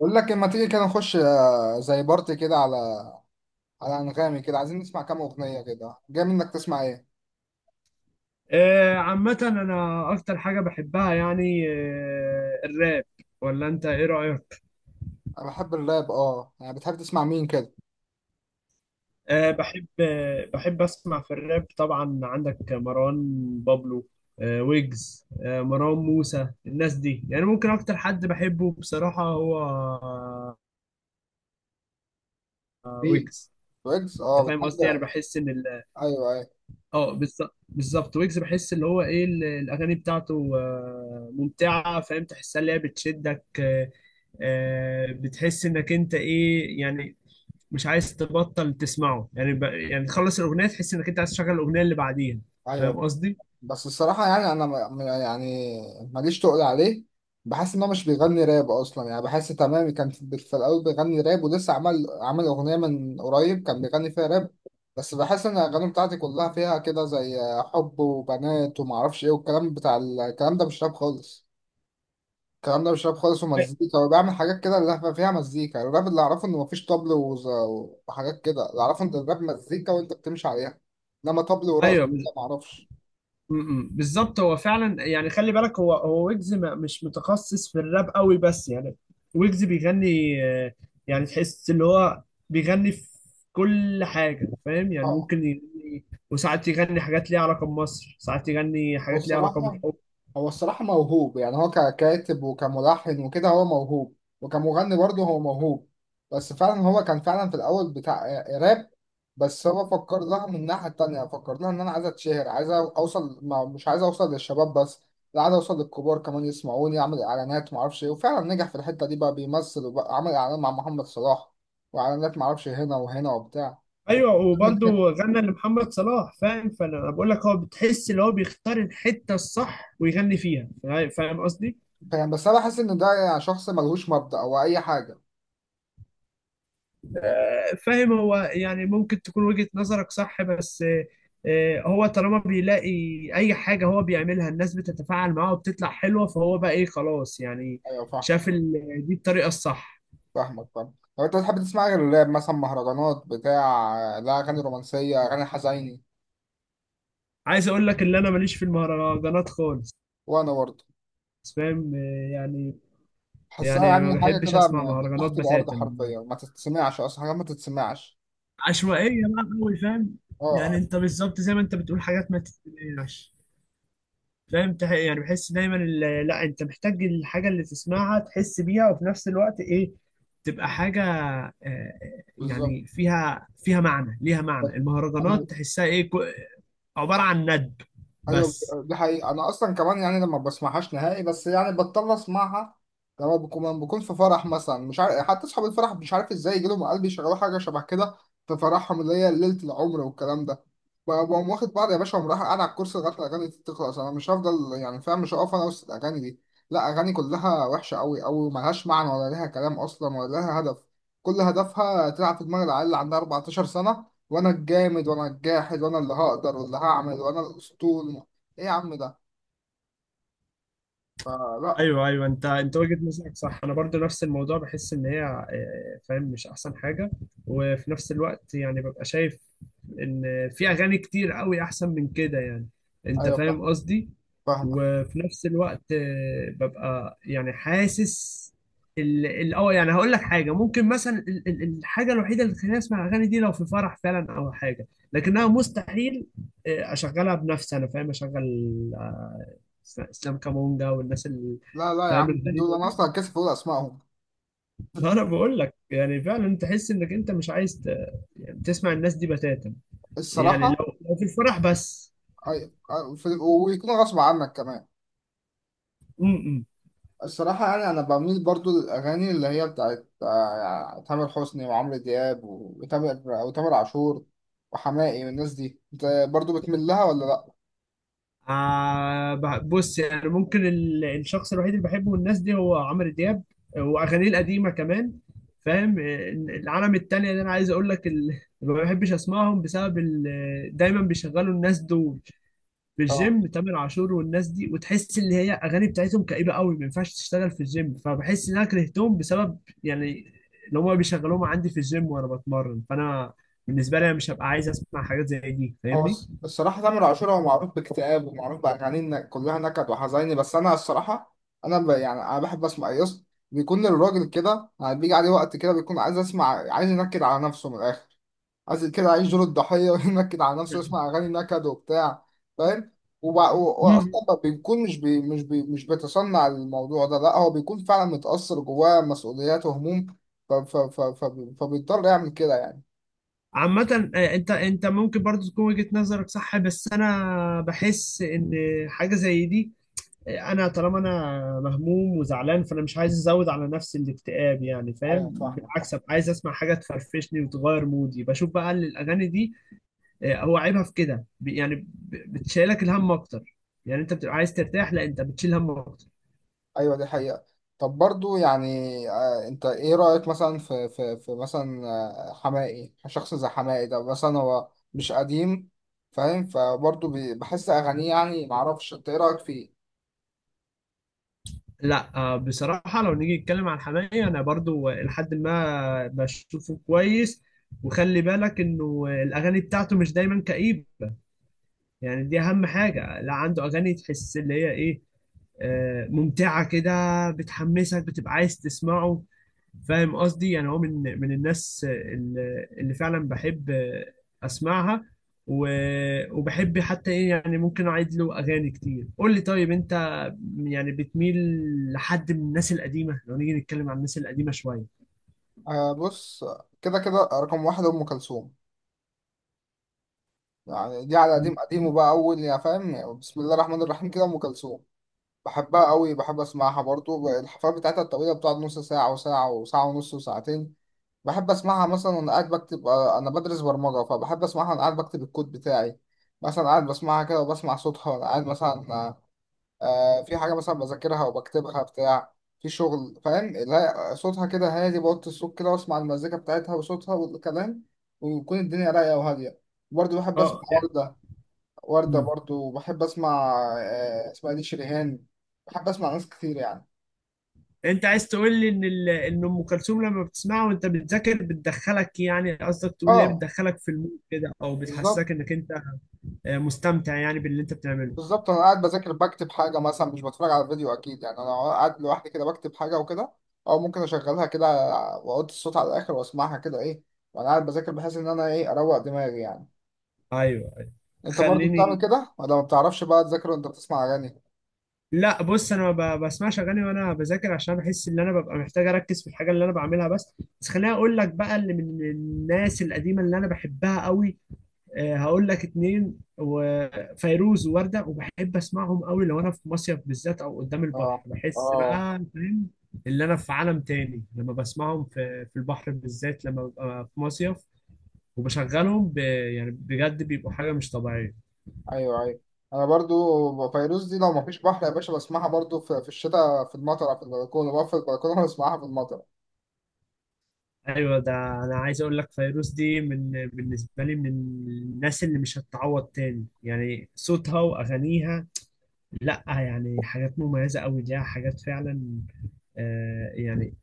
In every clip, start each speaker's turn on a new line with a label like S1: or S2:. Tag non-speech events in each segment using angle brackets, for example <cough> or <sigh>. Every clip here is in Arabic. S1: بقول لك اما تيجي كده نخش زي بارتي كده على على انغامي كده عايزين نسمع كام اغنيه كده جاي منك تسمع ايه.
S2: آه، عامة أنا أكتر حاجة بحبها يعني الراب ولا أنت إيه رأيك؟
S1: انا بحب الراب اه، يعني بتحب تسمع مين كده؟
S2: أه بحب آه، بحب أسمع في الراب. طبعا عندك مروان بابلو، ويجز، مروان موسى. الناس دي يعني ممكن أكتر حد بحبه بصراحة هو
S1: مين؟
S2: ويجز.
S1: ويجز،
S2: أنت
S1: اه
S2: فاهم قصدي؟ يعني
S1: بتحب.
S2: بحس إن
S1: ايوه ايوه
S2: اه بالظبط بالظبط. ويجز بحس اللي هو ايه الاغاني بتاعته ممتعه، فاهم تحسها اللي هي بتشدك. بتحس انك انت ايه يعني، مش عايز تبطل تسمعه. يعني يعني تخلص الاغنيه تحس انك انت عايز تشغل الاغنيه اللي بعديها. فاهم
S1: ايوه.
S2: قصدي؟
S1: بس الصراحة يعني أنا يعني ماليش تقول عليه. بحس إن هو مش بيغني راب أصلا، يعني بحس تمام كان في الأول بيغني راب، ولسه عمل أغنية من قريب كان بيغني فيها راب. بس بحس إن الأغاني بتاعتي كلها فيها كده زي حب وبنات ومعرفش إيه والكلام بتاع الكلام ده مش راب خالص. الكلام ده مش راب خالص،
S2: أي-
S1: ومزيكا وبيعمل حاجات كده اللي فيها مزيكا. يعني الراب اللي أعرفه إن مفيش طبل وحاجات كده، اللي أعرفه إن الراب مزيكا وأنت بتمشي عليها، إنما طبل ورقص
S2: ايوه.
S1: ده معرفش.
S2: مم. بالظبط. هو فعلا يعني خلي بالك هو ويجز مش متخصص في الراب قوي، بس يعني ويجز بيغني. آه، يعني تحس اللي هو بيغني في كل حاجة، فاهم؟ يعني
S1: طبعا.
S2: ممكن يغني، وساعات يغني حاجات ليها علاقة بمصر، ساعات يغني حاجات ليها علاقة
S1: والصراحة،
S2: بالحب.
S1: هو الصراحة موهوب، يعني هو ككاتب وكملحن وكده هو موهوب، وكمغني برضه هو موهوب. بس فعلا هو كان فعلا في الأول بتاع راب، بس هو فكر لها من الناحية التانية، فكر لها إن أنا عايز أتشهر، عايز أوصل، ما مش عايز أوصل للشباب بس، لا عايز أوصل للكبار كمان يسمعوني، أعمل إعلانات معرفش إيه. وفعلا نجح في الحتة دي، بقى بيمثل، وبقى عمل إعلان مع محمد صلاح، وإعلانات معرفش هنا وهنا وبتاع.
S2: ايوه، وبرضه
S1: <laughs>
S2: غنى لمحمد صلاح. فاهم، فانا بقول لك هو بتحس اللي هو بيختار الحتة الصح ويغني فيها. فاهم قصدي؟
S1: فاهم، بس أنا بحس إن ده يعني شخص ملهوش مبدأ أو أي حاجة.
S2: فاهم. هو يعني ممكن تكون وجهة نظرك صح، بس هو طالما بيلاقي اي حاجة هو بيعملها الناس بتتفاعل معاه وبتطلع حلوة، فهو بقى ايه، خلاص يعني.
S1: أيوة فاهم.
S2: شاف دي الطريقة الصح.
S1: فاهمك فاهم. طب انت بتحب تسمع غير الراب مثلا؟ مهرجانات بتاع؟ لا، اغاني رومانسيه، اغاني حزيني؟
S2: عايز اقول لك ان انا ماليش في المهرجانات خالص.
S1: وانا برضه
S2: فاهم يعني،
S1: بحسها يعني
S2: ما
S1: حاجه
S2: بحبش
S1: كده
S2: اسمع
S1: من
S2: مهرجانات
S1: تحت الارض
S2: بتاتا،
S1: حرفيا، ما تتسمعش اصلا، حاجه ما تتسمعش.
S2: عشوائية بقى قوي، فاهم؟ يعني
S1: اه
S2: انت بالظبط زي ما انت بتقول حاجات ما تتسمعش. فاهم، يعني بحس دايما لا، انت محتاج الحاجه اللي تسمعها تحس بيها، وفي نفس الوقت ايه، تبقى حاجه آه،
S1: بالظبط.
S2: يعني فيها معنى، ليها معنى. المهرجانات تحسها ايه، عباره عن ند
S1: ايوه
S2: بس.
S1: دي حقيقة. انا اصلا كمان يعني لما بسمعهاش نهائي، بس يعني بضطر اسمعها لما بكون في فرح مثلا، مش عارف حتى اصحاب الفرح مش عارف ازاي يجيلهم قلبي يشغلوا حاجة شبه كده في فرحهم اللي هي ليلة العمر والكلام ده. بقوم واخد بعض يا باشا ومروح قاعد على الكرسي لغاية الاغاني دي تخلص. انا مش هفضل، يعني فاهم، مش هقف انا وسط الاغاني دي. لا اغاني كلها وحشة قوي، او ملهاش معنى، ولا ليها كلام اصلا، ولا ليها هدف. كل هدفها تلعب في دماغ العيال اللي عندها 14 سنة، وانا الجامد وانا الجاحد وانا اللي هقدر واللي هعمل وانا الاسطول. ايه يا عم ده؟ فلا.
S2: ايوه، ايوه، انت وجهة نظرك صح. انا برضو نفس الموضوع، بحس ان هي فاهم مش احسن حاجه، وفي نفس الوقت يعني ببقى شايف ان في اغاني كتير قوي احسن من كده يعني. انت
S1: ايوه فاهم.
S2: فاهم قصدي؟
S1: فاهمك.
S2: وفي نفس الوقت ببقى يعني حاسس يعني هقول لك حاجه، ممكن مثلا الحاجه الوحيده اللي تخليني اسمع الاغاني دي لو في فرح فعلا او حاجه، لكنها مستحيل اشغلها بنفسي انا. فاهم، اشغل اسلام كامونجا والناس اللي
S1: لا لا يا عم،
S2: فاهم
S1: مين دول؟
S2: الغريبه
S1: انا
S2: دي.
S1: اصلا كاسف اقول اسمائهم.
S2: ما انا بقول لك يعني فعلا تحس انك انت مش عايز يعني تسمع الناس دي بتاتا، يعني
S1: الصراحه.
S2: لو في الفرح بس.
S1: ايوه أيوة، في- ويكون غصب عنك كمان.
S2: امم
S1: الصراحه يعني انا بميل برضو للاغاني اللي هي بتاعت يعني تامر حسني وعمرو دياب وتامر عاشور وحماقي والناس دي. انت برضو بتميل لها ولا
S2: بص يعني، ممكن الشخص الوحيد اللي بحبه من الناس دي هو عمرو دياب، واغانيه القديمه كمان. فاهم العالم التانية اللي انا عايز اقول لك <laughs> ما بحبش اسمعهم بسبب دايما بيشغلوا الناس دول في
S1: لا؟
S2: الجيم، تامر عاشور والناس دي، وتحس ان هي اغاني بتاعتهم كئيبه قوي، ما ينفعش تشتغل في الجيم، فبحس ان انا كرهتهم بسبب يعني اللي هم بيشغلوهم عندي في الجيم وانا بتمرن. فانا بالنسبه لي انا مش هبقى عايز اسمع حاجات زي دي،
S1: هو
S2: فاهمني؟
S1: الصراحة تامر عاشور هو معروف باكتئاب ومعروف بأغاني إن كلها نكد وحزيني. بس أنا الصراحة أنا يعني أنا بحب أسمع يس. بيكون الراجل كده يعني بيجي عليه وقت كده بيكون عايز أسمع، عايز ينكد على نفسه من الآخر، عايز كده يعيش دور الضحية <laughs> وينكد على نفسه، يسمع أغاني نكد وبتاع. فاهم. وب... و...
S2: مم.
S1: وأصلا ما بيكون مش بيتصنع الموضوع ده، لا هو بيكون فعلا متأثر جواه مسؤوليات وهموم. ف... ف... ف... ف... فبيضطر يعمل كده يعني.
S2: عامة انت ممكن برضو تكون وجهة نظرك صح، بس انا بحس ان حاجة زي دي، انا طالما انا مهموم وزعلان فانا مش عايز ازود على نفسي الاكتئاب يعني. فاهم،
S1: أيوة فاهمك.
S2: بالعكس أبقى عايز اسمع حاجه تفرفشني وتغير مودي. بشوف بقى ان الاغاني دي هو عيبها في كده، بتشيلك الهم اكتر. يعني انت بتبقى عايز ترتاح، لا انت بتشيل هم اكتر.
S1: ايوه دي حقيقة. طب برضو يعني آه انت ايه رأيك مثلا في مثلا حماقي، شخص زي حماقي ده مثلا هو مش قديم، فاهم، فبرضو بحس اغانيه يعني معرفش انت ايه رأيك فيه؟
S2: لا بصراحه لو نيجي نتكلم عن حماقي، انا برضو لحد ما بشوفه كويس. وخلي بالك انه الاغاني بتاعته مش دايما كئيبه، يعني دي اهم حاجه. لا عنده اغاني تحس اللي هي ايه ممتعة كده، بتحمسك، بتبقى عايز تسمعه. فاهم قصدي؟ يعني هو من الناس اللي فعلا بحب اسمعها، وبحب حتى ايه يعني، ممكن اعيد له اغاني كتير. قول لي طيب انت يعني بتميل لحد من الناس القديمه؟ لو نيجي نتكلم عن الناس القديمه شويه.
S1: آه بص، كده كده رقم واحد ام كلثوم. يعني دي على
S2: م-
S1: قديم قديم،
S2: م-
S1: وبقى اول يا فاهم بسم الله الرحمن الرحيم كده، ام كلثوم. بحبها قوي، بحب اسمعها برضو الحفلات بتاعتها الطويلة، بتقعد نص ساعة وساعة وساعة ونص وساعتين. بحب اسمعها مثلا وانا قاعد بكتب، انا بدرس برمجه، فبحب اسمعها وانا قاعد بكتب الكود بتاعي. مثلا قاعد بسمعها كده وبسمع صوتها وانا قاعد مثلا، في حاجه مثلا بذاكرها وبكتبها بتاع، في شغل فاهم. لا صوتها كده هادي، بوطي الصوت كده واسمع المزيكا بتاعتها وصوتها والكلام، ويكون الدنيا رايقه وهاديه. برضه بحب اسمع
S2: اه. لا.
S1: ورده. ورده
S2: م.
S1: برضه، وبحب اسمع، اسمها دي شريهان. بحب اسمع ناس كتير يعني.
S2: انت عايز تقول لي ان ان ام كلثوم لما بتسمعها وانت بتذاكر بتدخلك، يعني قصدك تقول لي
S1: اه
S2: بتدخلك في المود كده، او
S1: بالظبط
S2: بتحسسك انك انت مستمتع يعني باللي انت بتعمله.
S1: بالظبط. انا قاعد بذاكر، بكتب حاجه مثلا، مش بتفرج على فيديو اكيد يعني، انا قاعد لوحدي كده بكتب حاجه وكده، او ممكن اشغلها كده واحط الصوت على الاخر واسمعها كده ايه وانا قاعد بذاكر، بحيث ان انا ايه اروق دماغي يعني.
S2: ايوه، ايوه.
S1: انت برضو بتعمل
S2: خليني،
S1: كده ولا ما بتعرفش بقى تذاكر وانت بتسمع اغاني؟
S2: لا بص، انا ما بسمعش اغاني وانا بذاكر، عشان بحس ان انا ببقى محتاج اركز في الحاجه اللي انا بعملها. بس خليني اقول لك بقى اللي من الناس القديمه اللي انا بحبها قوي. هقول لك اتنين، وفيروز ووردة، وبحب اسمعهم قوي لو انا في مصيف بالذات او قدام
S1: اه
S2: البحر. بحس
S1: اه.
S2: بقى فاهم اللي انا في عالم تاني لما بسمعهم في البحر بالذات، لما ببقى في مصيف وبشغلهم، يعني بجد بيبقوا حاجه مش طبيعيه.
S1: ايوه ايوه. انا برضو فيروز دي لو ما فيش بحر يا باشا بسمعها برضو في, في الشتاء في المطر على البلكونه، بقف في البلكونه <laughs> واسمعها في المطر.
S2: ايوه ده. انا عايز اقول لك فيروز دي بالنسبه لي من الناس اللي مش هتتعوض تاني، يعني صوتها واغانيها لا، يعني حاجات مميزه قوي، ليها حاجات فعلا آه يعني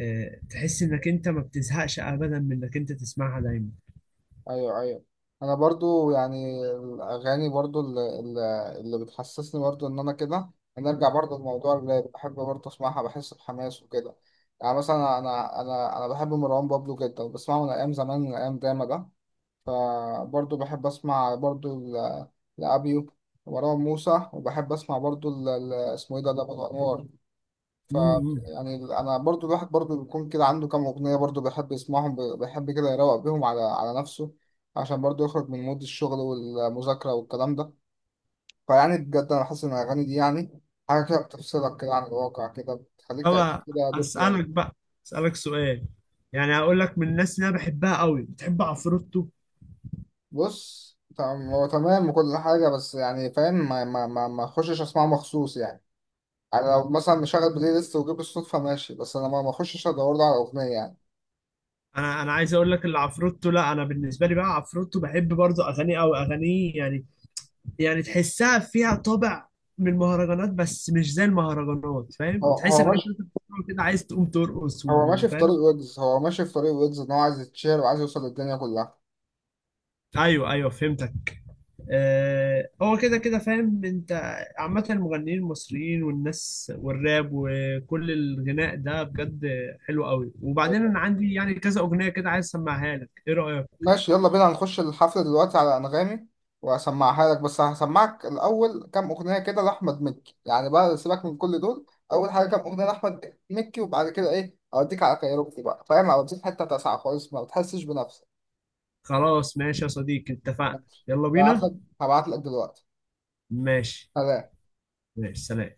S2: تحس انك انت ما بتزهقش ابدا من انك انت تسمعها دايما.
S1: ايوه ايوه. انا برضو يعني الاغاني برضو اللي, اللي بتحسسني برضو ان انا كده، انا ارجع برضو لموضوع الراب، بحب برضو اسمعها، بحس بحماس وكده. يعني مثلا انا بحب مروان بابلو جدا، بسمعه من ايام زمان من ايام داما ده. فبرضو بحب اسمع برضو لابيو ومروان موسى، وبحب اسمع برضو اسمه ايه ده لابو الانوار. ف
S2: امم
S1: يعني انا برضو الواحد برضو بيكون كده عنده كام اغنيه، برضو بيحب يسمعهم، بيحب كده يروق بيهم على على نفسه، عشان برضو يخرج من مود الشغل والمذاكره والكلام ده. فيعني بجد انا حاسس ان الاغاني دي يعني حاجه كده بتفصلك كده عن الواقع، كده بتخليك تعيش
S2: طب
S1: كده دور تاني.
S2: اسالك بقى اسالك سؤال. يعني هقول لك من الناس اللي انا بحبها قوي، بتحب عفروتو؟
S1: بص تمام، هو تمام وكل حاجه، بس يعني فاهم ما اخشش اسمعه مخصوص يعني. انا لو مثلا مشغل بلاي ليست وجيب الصدفه، ماشي، بس انا ما اخشش ادور له على اغنيه يعني.
S2: انا عايز اقول لك اللي عفروتو، لا انا بالنسبه لي بقى عفروتو بحب برضه اغانيه قوي، اغانيه يعني، يعني تحسها فيها طابع من المهرجانات بس مش زي المهرجانات. فاهم،
S1: هو
S2: وتحس
S1: هو
S2: انك انت بتسمعه كده عايز تقوم ترقص
S1: هو ماشي في طريق
S2: وفاهم.
S1: ويجز، هو ماشي في طريق ويجز ان هو عايز يتشهر وعايز يوصل للدنيا كلها.
S2: ايوه، ايوه، فهمتك. آه، هو كده كده فاهم انت. عامة المغنيين المصريين والناس والراب وكل الغناء ده بجد حلو قوي، وبعدين
S1: ايوه
S2: انا عندي يعني كذا اغنية كده عايز اسمعها لك، ايه رأيك؟
S1: ماشي، يلا بينا هنخش الحفلة دلوقتي على أنغامي وهسمعها لك، بس هسمعك الأول كام أغنية كده لأحمد مكي، يعني بقى سيبك من كل دول. أول حاجة كام أغنية لأحمد مكي، وبعد كده إيه أوديك على كايروكي بقى فاهم، أوديك حتة تسعة خالص ما بتحسش بنفسك.
S2: خلاص، ماشي يا صديقي، اتفقنا.
S1: ماشي.
S2: يلا
S1: هبعت
S2: بينا.
S1: لك هبعت لك دلوقتي.
S2: ماشي.
S1: سلام.
S2: ماشي، سلام.